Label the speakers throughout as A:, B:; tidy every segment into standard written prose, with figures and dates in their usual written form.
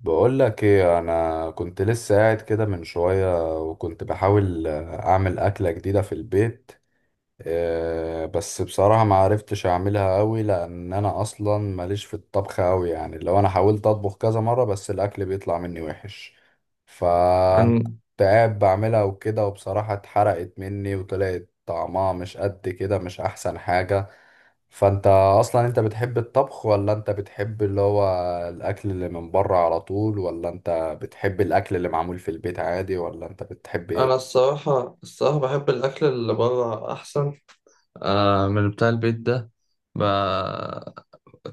A: بقول لك ايه، انا كنت لسه قاعد كده من شوية وكنت بحاول اعمل اكلة جديدة في البيت. آه، بس بصراحة ما عرفتش اعملها قوي، لان انا اصلا ماليش في الطبخ قوي، يعني لو انا حاولت اطبخ كذا مرة بس الاكل بيطلع مني وحش. فكنت
B: أن-
A: قاعد بعملها وكده، وبصراحة اتحرقت مني وطلعت طعمها مش قد كده، مش احسن حاجة. فانت اصلا، انت بتحب الطبخ، ولا انت بتحب اللي هو الاكل اللي من بره على طول، ولا انت بتحب الاكل اللي معمول في البيت عادي، ولا انت بتحب
B: أنا
A: ايه؟
B: الصراحة بحب الأكل اللي بره أحسن. آه، من بتاع البيت ده ب...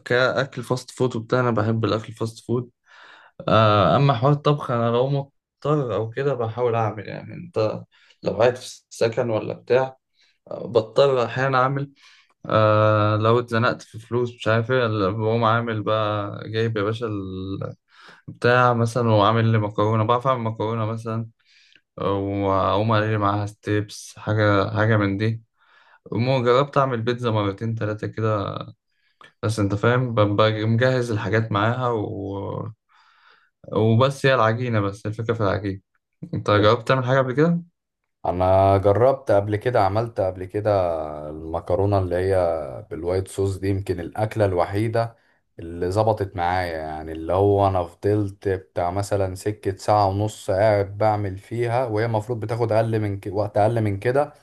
B: كأكل فاست فود وبتاع. أنا بحب الأكل الفاست فود. آه، أما حوار الطبخ أنا لو مضطر أو كده بحاول أعمل، يعني أنت لو قاعد في السكن ولا بتاع، آه، بضطر أحيانا أعمل. آه، لو اتزنقت في فلوس مش عارف إيه، لا، بقوم عامل بقى جايب يا باشا بتاع مثلا وعامل لي مكرونة، بعرف أعمل مكرونة مثلا، وأقوم أقلي معاها ستيبس، حاجة من دي. المهم جربت أعمل بيتزا مرتين تلاتة كده، بس أنت فاهم ببقى مجهز الحاجات معاها وبس هي العجينة، بس الفكرة في العجينة. أنت جربت تعمل حاجة قبل كده؟
A: انا جربت قبل كده، عملت قبل كده المكرونه اللي هي بالوايت صوص دي، يمكن الاكله الوحيده اللي ظبطت معايا. يعني اللي هو انا فضلت بتاع مثلا سكه ساعه ونص قاعد بعمل فيها، وهي المفروض بتاخد اقل من وقت اقل من كده.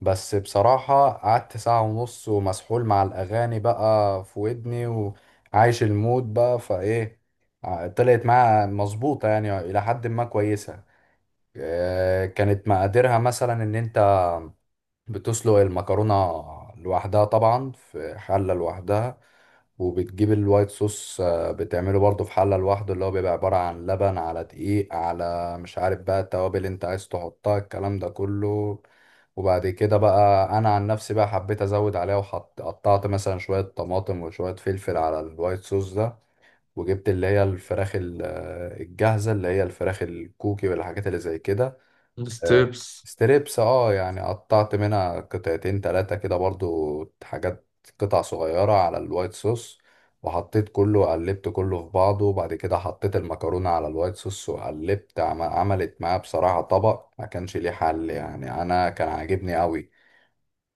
A: بس بصراحه قعدت ساعه ونص ومسحول مع الاغاني بقى في ودني، وعايش المود بقى فايه. طلعت معايا مظبوطه، يعني الى حد ما كويسه. آه، كانت مقاديرها مثلا ان انت بتسلق المكرونة لوحدها، طبعا في حلة لوحدها، وبتجيب الوايت صوص، بتعمله برضو في حلة لوحده، اللي هو بيبقى عبارة عن لبن على دقيق على مش عارف بقى التوابل انت عايز تحطها، الكلام ده كله. وبعد كده بقى انا عن نفسي بقى حبيت ازود عليها، وحط، قطعت مثلا شوية طماطم وشوية فلفل على الوايت صوص ده. وجبت اللي هي الفراخ الجاهزة، اللي هي الفراخ الكوكي والحاجات اللي زي كده. آه،
B: ستيبس.
A: ستريبس، اه يعني قطعت منها قطعتين تلاتة كده برضو، حاجات، قطع صغيرة، على الوايت صوص. وحطيت كله، قلبت كله في بعضه، وبعد كده حطيت المكرونة على الوايت صوص وقلبت، عملت معاه بصراحة طبق ما كانش ليه حل، يعني انا كان عاجبني قوي.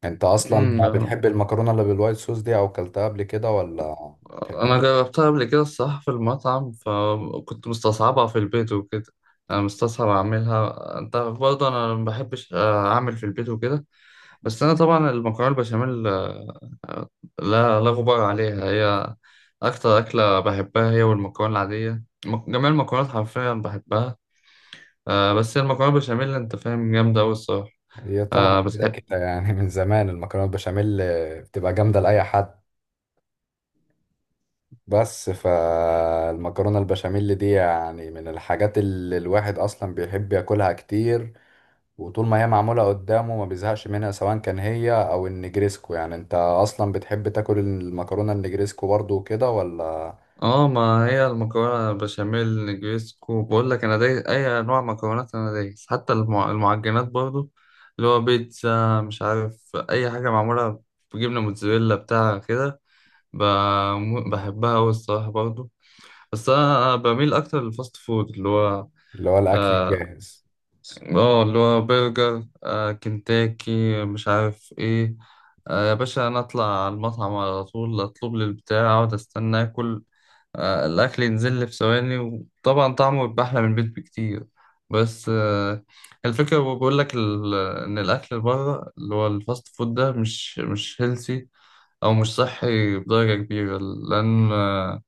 A: انت اصلا
B: أمم،
A: بتحب المكرونة اللي بالوايت صوص دي او كلتها قبل كده، ولا
B: أنا
A: بتحبهاش؟
B: جربتها قبل كده الصراحة في المطعم، فكنت مستصعبها في البيت وكده. أنا مستصعب أعملها أنت برضه، أنا ما بحبش أعمل في البيت وكده. بس أنا طبعا المكرونة البشاميل، آه، آه، لا لا غبار عليها، هي أكتر أكلة بحبها، هي والمكرونة العادية، جميع المكرونات حرفيا بحبها. آه، بس هي المكرونة البشاميل أنت فاهم جامدة أوي الصراحة.
A: هي
B: آه،
A: طبعا كده
B: بتحب.
A: كده يعني، من زمان المكرونة البشاميل بتبقى جامدة لأي حد. بس فالمكرونة البشاميل دي يعني من الحاجات اللي الواحد أصلا بيحب ياكلها كتير، وطول ما هي معمولة قدامه ما بيزهقش منها، سواء كان هي أو النجريسكو. يعني أنت أصلا بتحب تاكل المكرونة النجريسكو برضو كده، ولا
B: اه، ما هي المكرونة بشاميل نجريسكو، بقول لك أنا دايس أي أنواع مكرونات، أنا دايس حتى المعجنات برضو، اللي هو بيتزا مش عارف أي حاجة معمولة بجبنة موتزاريلا بتاع كده، بحبها أوي الصراحة برضو. بس انا بميل اكتر للفاست فود اللي هو.
A: اللي هو الأكل
B: اه.
A: الجاهز؟
B: آه، اللي هو برجر، آه، كنتاكي، مش عارف ايه. آه، يا باشا انا اطلع على المطعم على طول، اطلب لي البتاع، اقعد استنى اكل. آه، الاكل ينزل لي في ثواني، وطبعا طعمه بيبقى احلى من البيت بكتير. بس آه، الفكره بقول لك ان الاكل بره اللي هو الفاست فود ده مش هيلثي او مش صحي بدرجه كبيره، لان آه،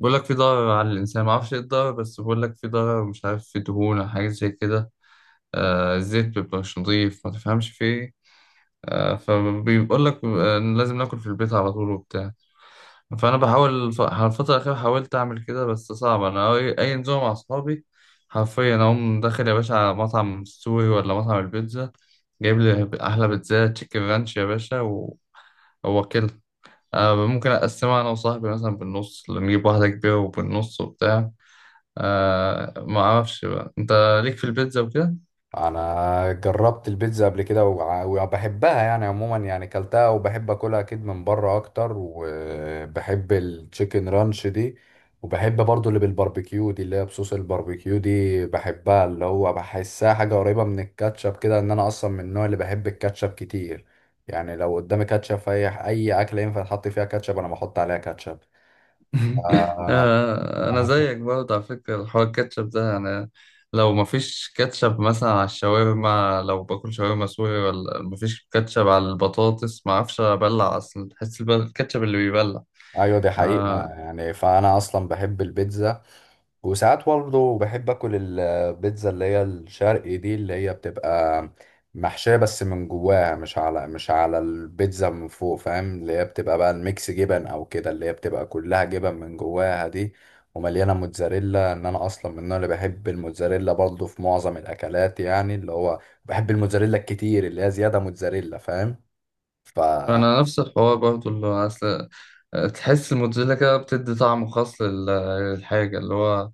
B: بقول لك في ضرر على الإنسان، ما أعرفش إيه الضرر، بس بقول لك في ضرر، مش عارف، في دهون أو حاجة زي كده. آه، الزيت مبيبقاش نضيف، ما تفهمش في إيه. آه، فبيقول لك آه، إن لازم ناكل في البيت على طول وبتاع. فأنا بحاول على الفترة الأخيرة حاولت أعمل كده، بس صعب، أنا أي نزومة مع أصحابي حرفيا أقوم داخل يا باشا على مطعم سوري ولا مطعم البيتزا، جايب لي أحلى بيتزا تشيكن رانش يا باشا هو كده. آه، ممكن أقسمها أنا وصاحبي مثلا بالنص، نجيب واحدة كبيرة وبالنص وبتاع. آه، ما اعرفش بقى انت ليك في البيتزا وكده.
A: انا جربت البيتزا قبل كده، وبحبها يعني عموما، يعني كلتها وبحب اكلها اكيد من بره اكتر. وبحب التشيكن رانش دي، وبحب برضو اللي بالباربيكيو دي، اللي هي بصوص الباربيكيو دي بحبها، اللي هو بحسها حاجة قريبة من الكاتشب كده، ان انا اصلا من النوع اللي بحب الكاتشب كتير. يعني لو قدامي كاتشب في اي اكلة ينفع تحط فيها كاتشب، انا بحط عليها كاتشب. ف...
B: آه، انا زيك برضه على فكره الحوار الكاتشب ده، يعني لو ما فيش كاتشب مثلا على الشاورما، لو باكل شاورما سوري ولا ما فيش كاتشب على البطاطس، ما اعرفش ابلع اصلا، تحس الكاتشب اللي بيبلع.
A: ايوه، دي حقيقة
B: آه،
A: يعني، فانا اصلا بحب البيتزا. وساعات برضه بحب اكل البيتزا اللي هي الشرقي دي، اللي هي بتبقى محشية بس من جواها، مش على البيتزا من فوق، فاهم؟ اللي هي بتبقى بقى الميكس جبن او كده، اللي هي بتبقى كلها جبن من جواها دي. ومليانة موتزاريلا، ان انا اصلا من النوع اللي بحب الموتزاريلا برضه في معظم الاكلات، يعني اللي هو بحب الموتزاريلا الكتير، اللي هي زيادة موتزاريلا، فاهم؟ ف
B: انا نفس الحوار برضه، اللي هو اصل تحس الموتزاريلا كده بتدي طعم خاص للحاجة اللي هو،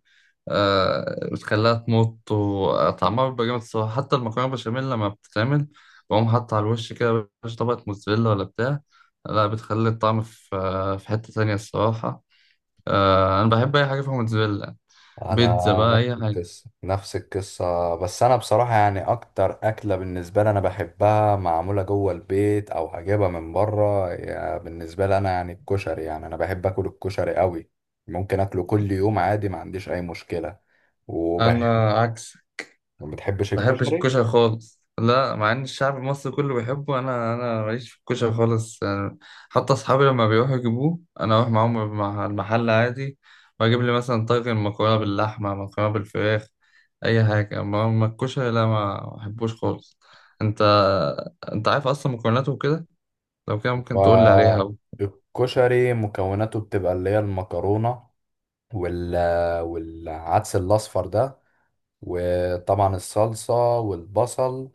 B: آه، بتخليها تمط وطعمها بيبقى جامد الصراحة. حتى المكرونة بشاميل لما بتتعمل بقوم حاطط على الوش كده مش طبقة موتزاريلا ولا بتاع، لا، بتخلي الطعم في آه، في حتة تانية الصراحة. آه، أنا بحب أي حاجة فيها موتزاريلا،
A: انا
B: بيتزا بقى أي
A: نفس
B: حاجة.
A: القصه، نفس القصه، بس انا بصراحه يعني اكتر اكله بالنسبه لي انا بحبها معموله جوه البيت او هجيبها من بره. يعني بالنسبه لي انا يعني الكشري، يعني انا بحب اكل الكشري قوي. ممكن اكله كل يوم عادي، ما عنديش اي مشكله. وبحب.
B: أنا عكسك،
A: ما بتحبش
B: ما بحبش
A: الكشري؟
B: الكشري خالص، لا، مع ان الشعب المصري كله بيحبه، انا ماليش في الكشري خالص يعني. حتى اصحابي لما بيروحوا يجيبوه انا اروح معاهم مع المحل عادي، واجيب لي مثلا طاجن مكرونه باللحمه، مكرونه بالفراخ، اي حاجه، اما الكشري لا، ما بحبوش خالص. انت، انت عارف اصلا مكوناته وكده؟ لو كده ممكن تقول لي عليها.
A: والكشري مكوناته بتبقى اللي هي المكرونه، وال... والعدس الاصفر ده، وطبعا الصلصه والبصل،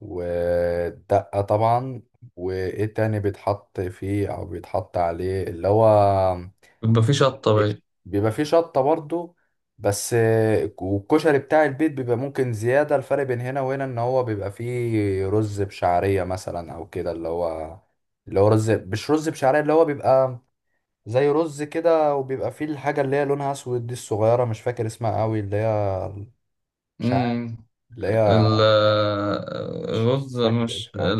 A: ودقة طبعا. وايه تاني بيتحط فيه او بيتحط عليه، اللي هو
B: يبقى في شطه بقى.
A: بيبقى فيه شطة برضو، بس. والكشري بتاع البيت بيبقى ممكن زيادة، الفرق بين هنا وهنا ان هو بيبقى فيه رز بشعرية مثلا او كده، اللي هو رز، مش رز بشعرية، اللي هو بيبقى زي رز كده. وبيبقى فيه الحاجة اللي هي لونها اسود دي الصغيرة، مش فاكر اسمها قوي، اللي هي مش عارف،
B: امم
A: اللي هي
B: ال-
A: مش
B: الرز
A: فاكر
B: مش،
A: اسمها.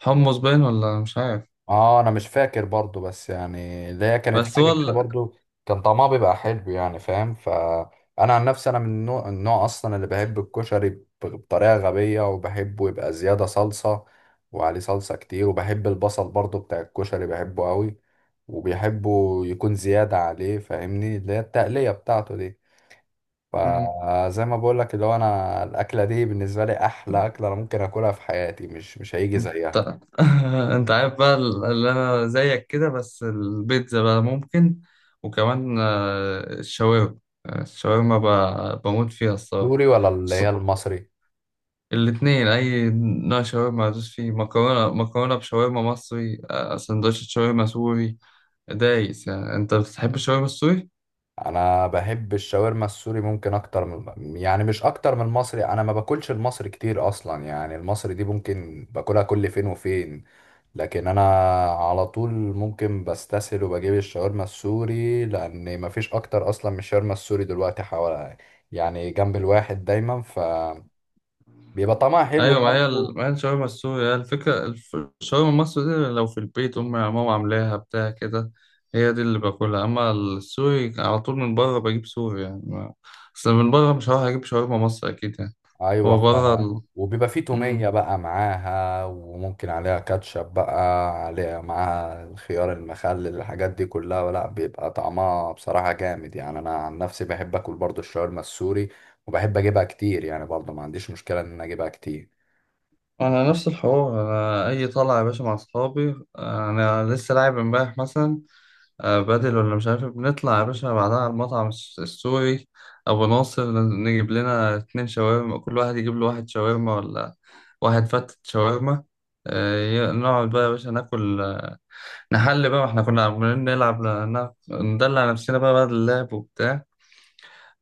B: الحمص باين، ولا مش عارف.
A: اه، انا مش فاكر برضو، بس يعني اللي هي كانت
B: بس
A: حاجه
B: هو
A: كده برضو، كان طعمها بيبقى حلو، يعني فاهم. فانا عن نفسي انا من النوع اصلا اللي بحب الكشري، بطريقه غبيه، وبحبه يبقى زياده صلصه، وعليه صلصه كتير. وبحب البصل برضو بتاع الكشري، بحبه قوي، وبيحبه يكون زياده عليه، فاهمني، اللي هي التقليه بتاعته دي.
B: ال...
A: فزي ما بقول لك، اللي هو انا الاكله دي بالنسبه لي احلى اكله انا ممكن اكلها في حياتي، مش هيجي
B: انت.
A: زيها.
B: انت عارف بقى اللي انا زيك كده، بس البيتزا بقى ممكن، وكمان آه، الشاورما. آه، الشاورما بموت فيها الصراحة.
A: دوري ولا اللي
B: ص-
A: هي المصري؟
B: الاتنين، اي نوع شاورما ادوس فيه، مكرونة، مكرونة بشاورما مصري، آه، سندوتش شاورما سوري، دايس يعني. انت بتحب الشاورما السوري؟
A: انا بحب الشاورما السوري ممكن اكتر من، يعني مش اكتر من المصري، انا ما باكلش المصري كتير اصلا يعني، المصري دي ممكن باكلها كل فين وفين. لكن انا على طول ممكن بستسهل وبجيب الشاورما السوري، لان ما فيش اكتر اصلا من الشاورما السوري دلوقتي، حوالي يعني جنب الواحد دايما، فبيبقى طعمها حلو
B: ايوه، ما هي
A: برضه.
B: ما هي الشاورما السوري هي الفكره، الشاورما المصري دي لو في البيت امي ماما عاملاها بتاع كده، هي دي اللي باكلها، اما السوري على طول من بره بجيب سوري يعني، اصل من بره مش هروح اجيب شاورما مصري اكيد يعني.
A: ايوه.
B: هو بره
A: وبيبقى فيه تومية
B: مم.
A: بقى معاها، وممكن عليها كاتشب بقى، عليها معاها الخيار المخلل، الحاجات دي كلها، لا، بيبقى طعمها بصراحة جامد، يعني انا عن نفسي بحب اكل برضو الشاورما السوري. وبحب اجيبها كتير يعني برضو، ما عنديش مشكلة ان أنا اجيبها كتير.
B: انا نفس الحوار، انا اي طلعه يا باشا مع اصحابي، انا لسه لاعب امبارح مثلا، آه، بدل ولا مش عارف، بنطلع يا باشا بعدها على المطعم السوري أبو ناصر، نجيب لنا اتنين شاورما، كل واحد يجيب له واحد شاورما ولا واحد فتة شاورما، آه، نقعد بقى يا باشا ناكل، آه، نحل بقى، ما احنا كنا عمالين نلعب ندلع نفسنا بقى بعد اللعب وبتاع.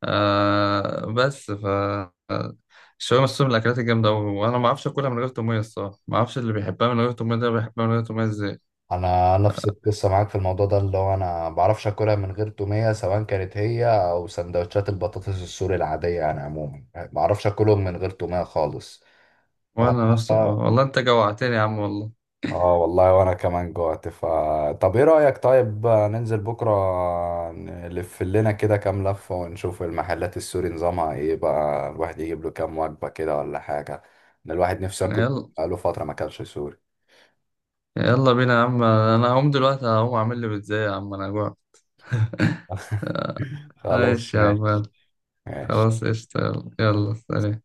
B: آه، بس ف، آه، الشاورما السوري من الأكلات الجامدة أوي، وأنا ما أعرفش أكلها من غير تومية الصراحة، ما أعرفش اللي بيحبها من غير تومية ده بيحبها من غير تومية إزاي.
A: انا نفس القصة معاك في الموضوع ده، اللي هو انا ما بعرفش اكلها من غير تومية، سواء كانت هي او سندوتشات البطاطس السوري العادية، يعني عموما ما بعرفش اكلهم من غير تومية خالص.
B: وأنا نفسي
A: ف...
B: والله، أنت جوعتني يا عم والله.
A: اه والله، وانا كمان جوعت، طب ايه رأيك؟ طيب ننزل بكرة نلف لنا كده كام لفة، ونشوف المحلات السوري نظامها ايه بقى، الواحد يجيب له كام وجبة كده ولا حاجة. ان الواحد نفسه ياكل،
B: يلا،
A: بقاله فترة ما اكلش سوري.
B: بينا يا عم، انا هقوم دلوقتي هقوم اعمل لي بيتزا يا عم، انا جوعت. آه،
A: خلاص،
B: ماشي يا عم،
A: ماشي. ماشي.
B: خلاص قشطة. يلا سلام.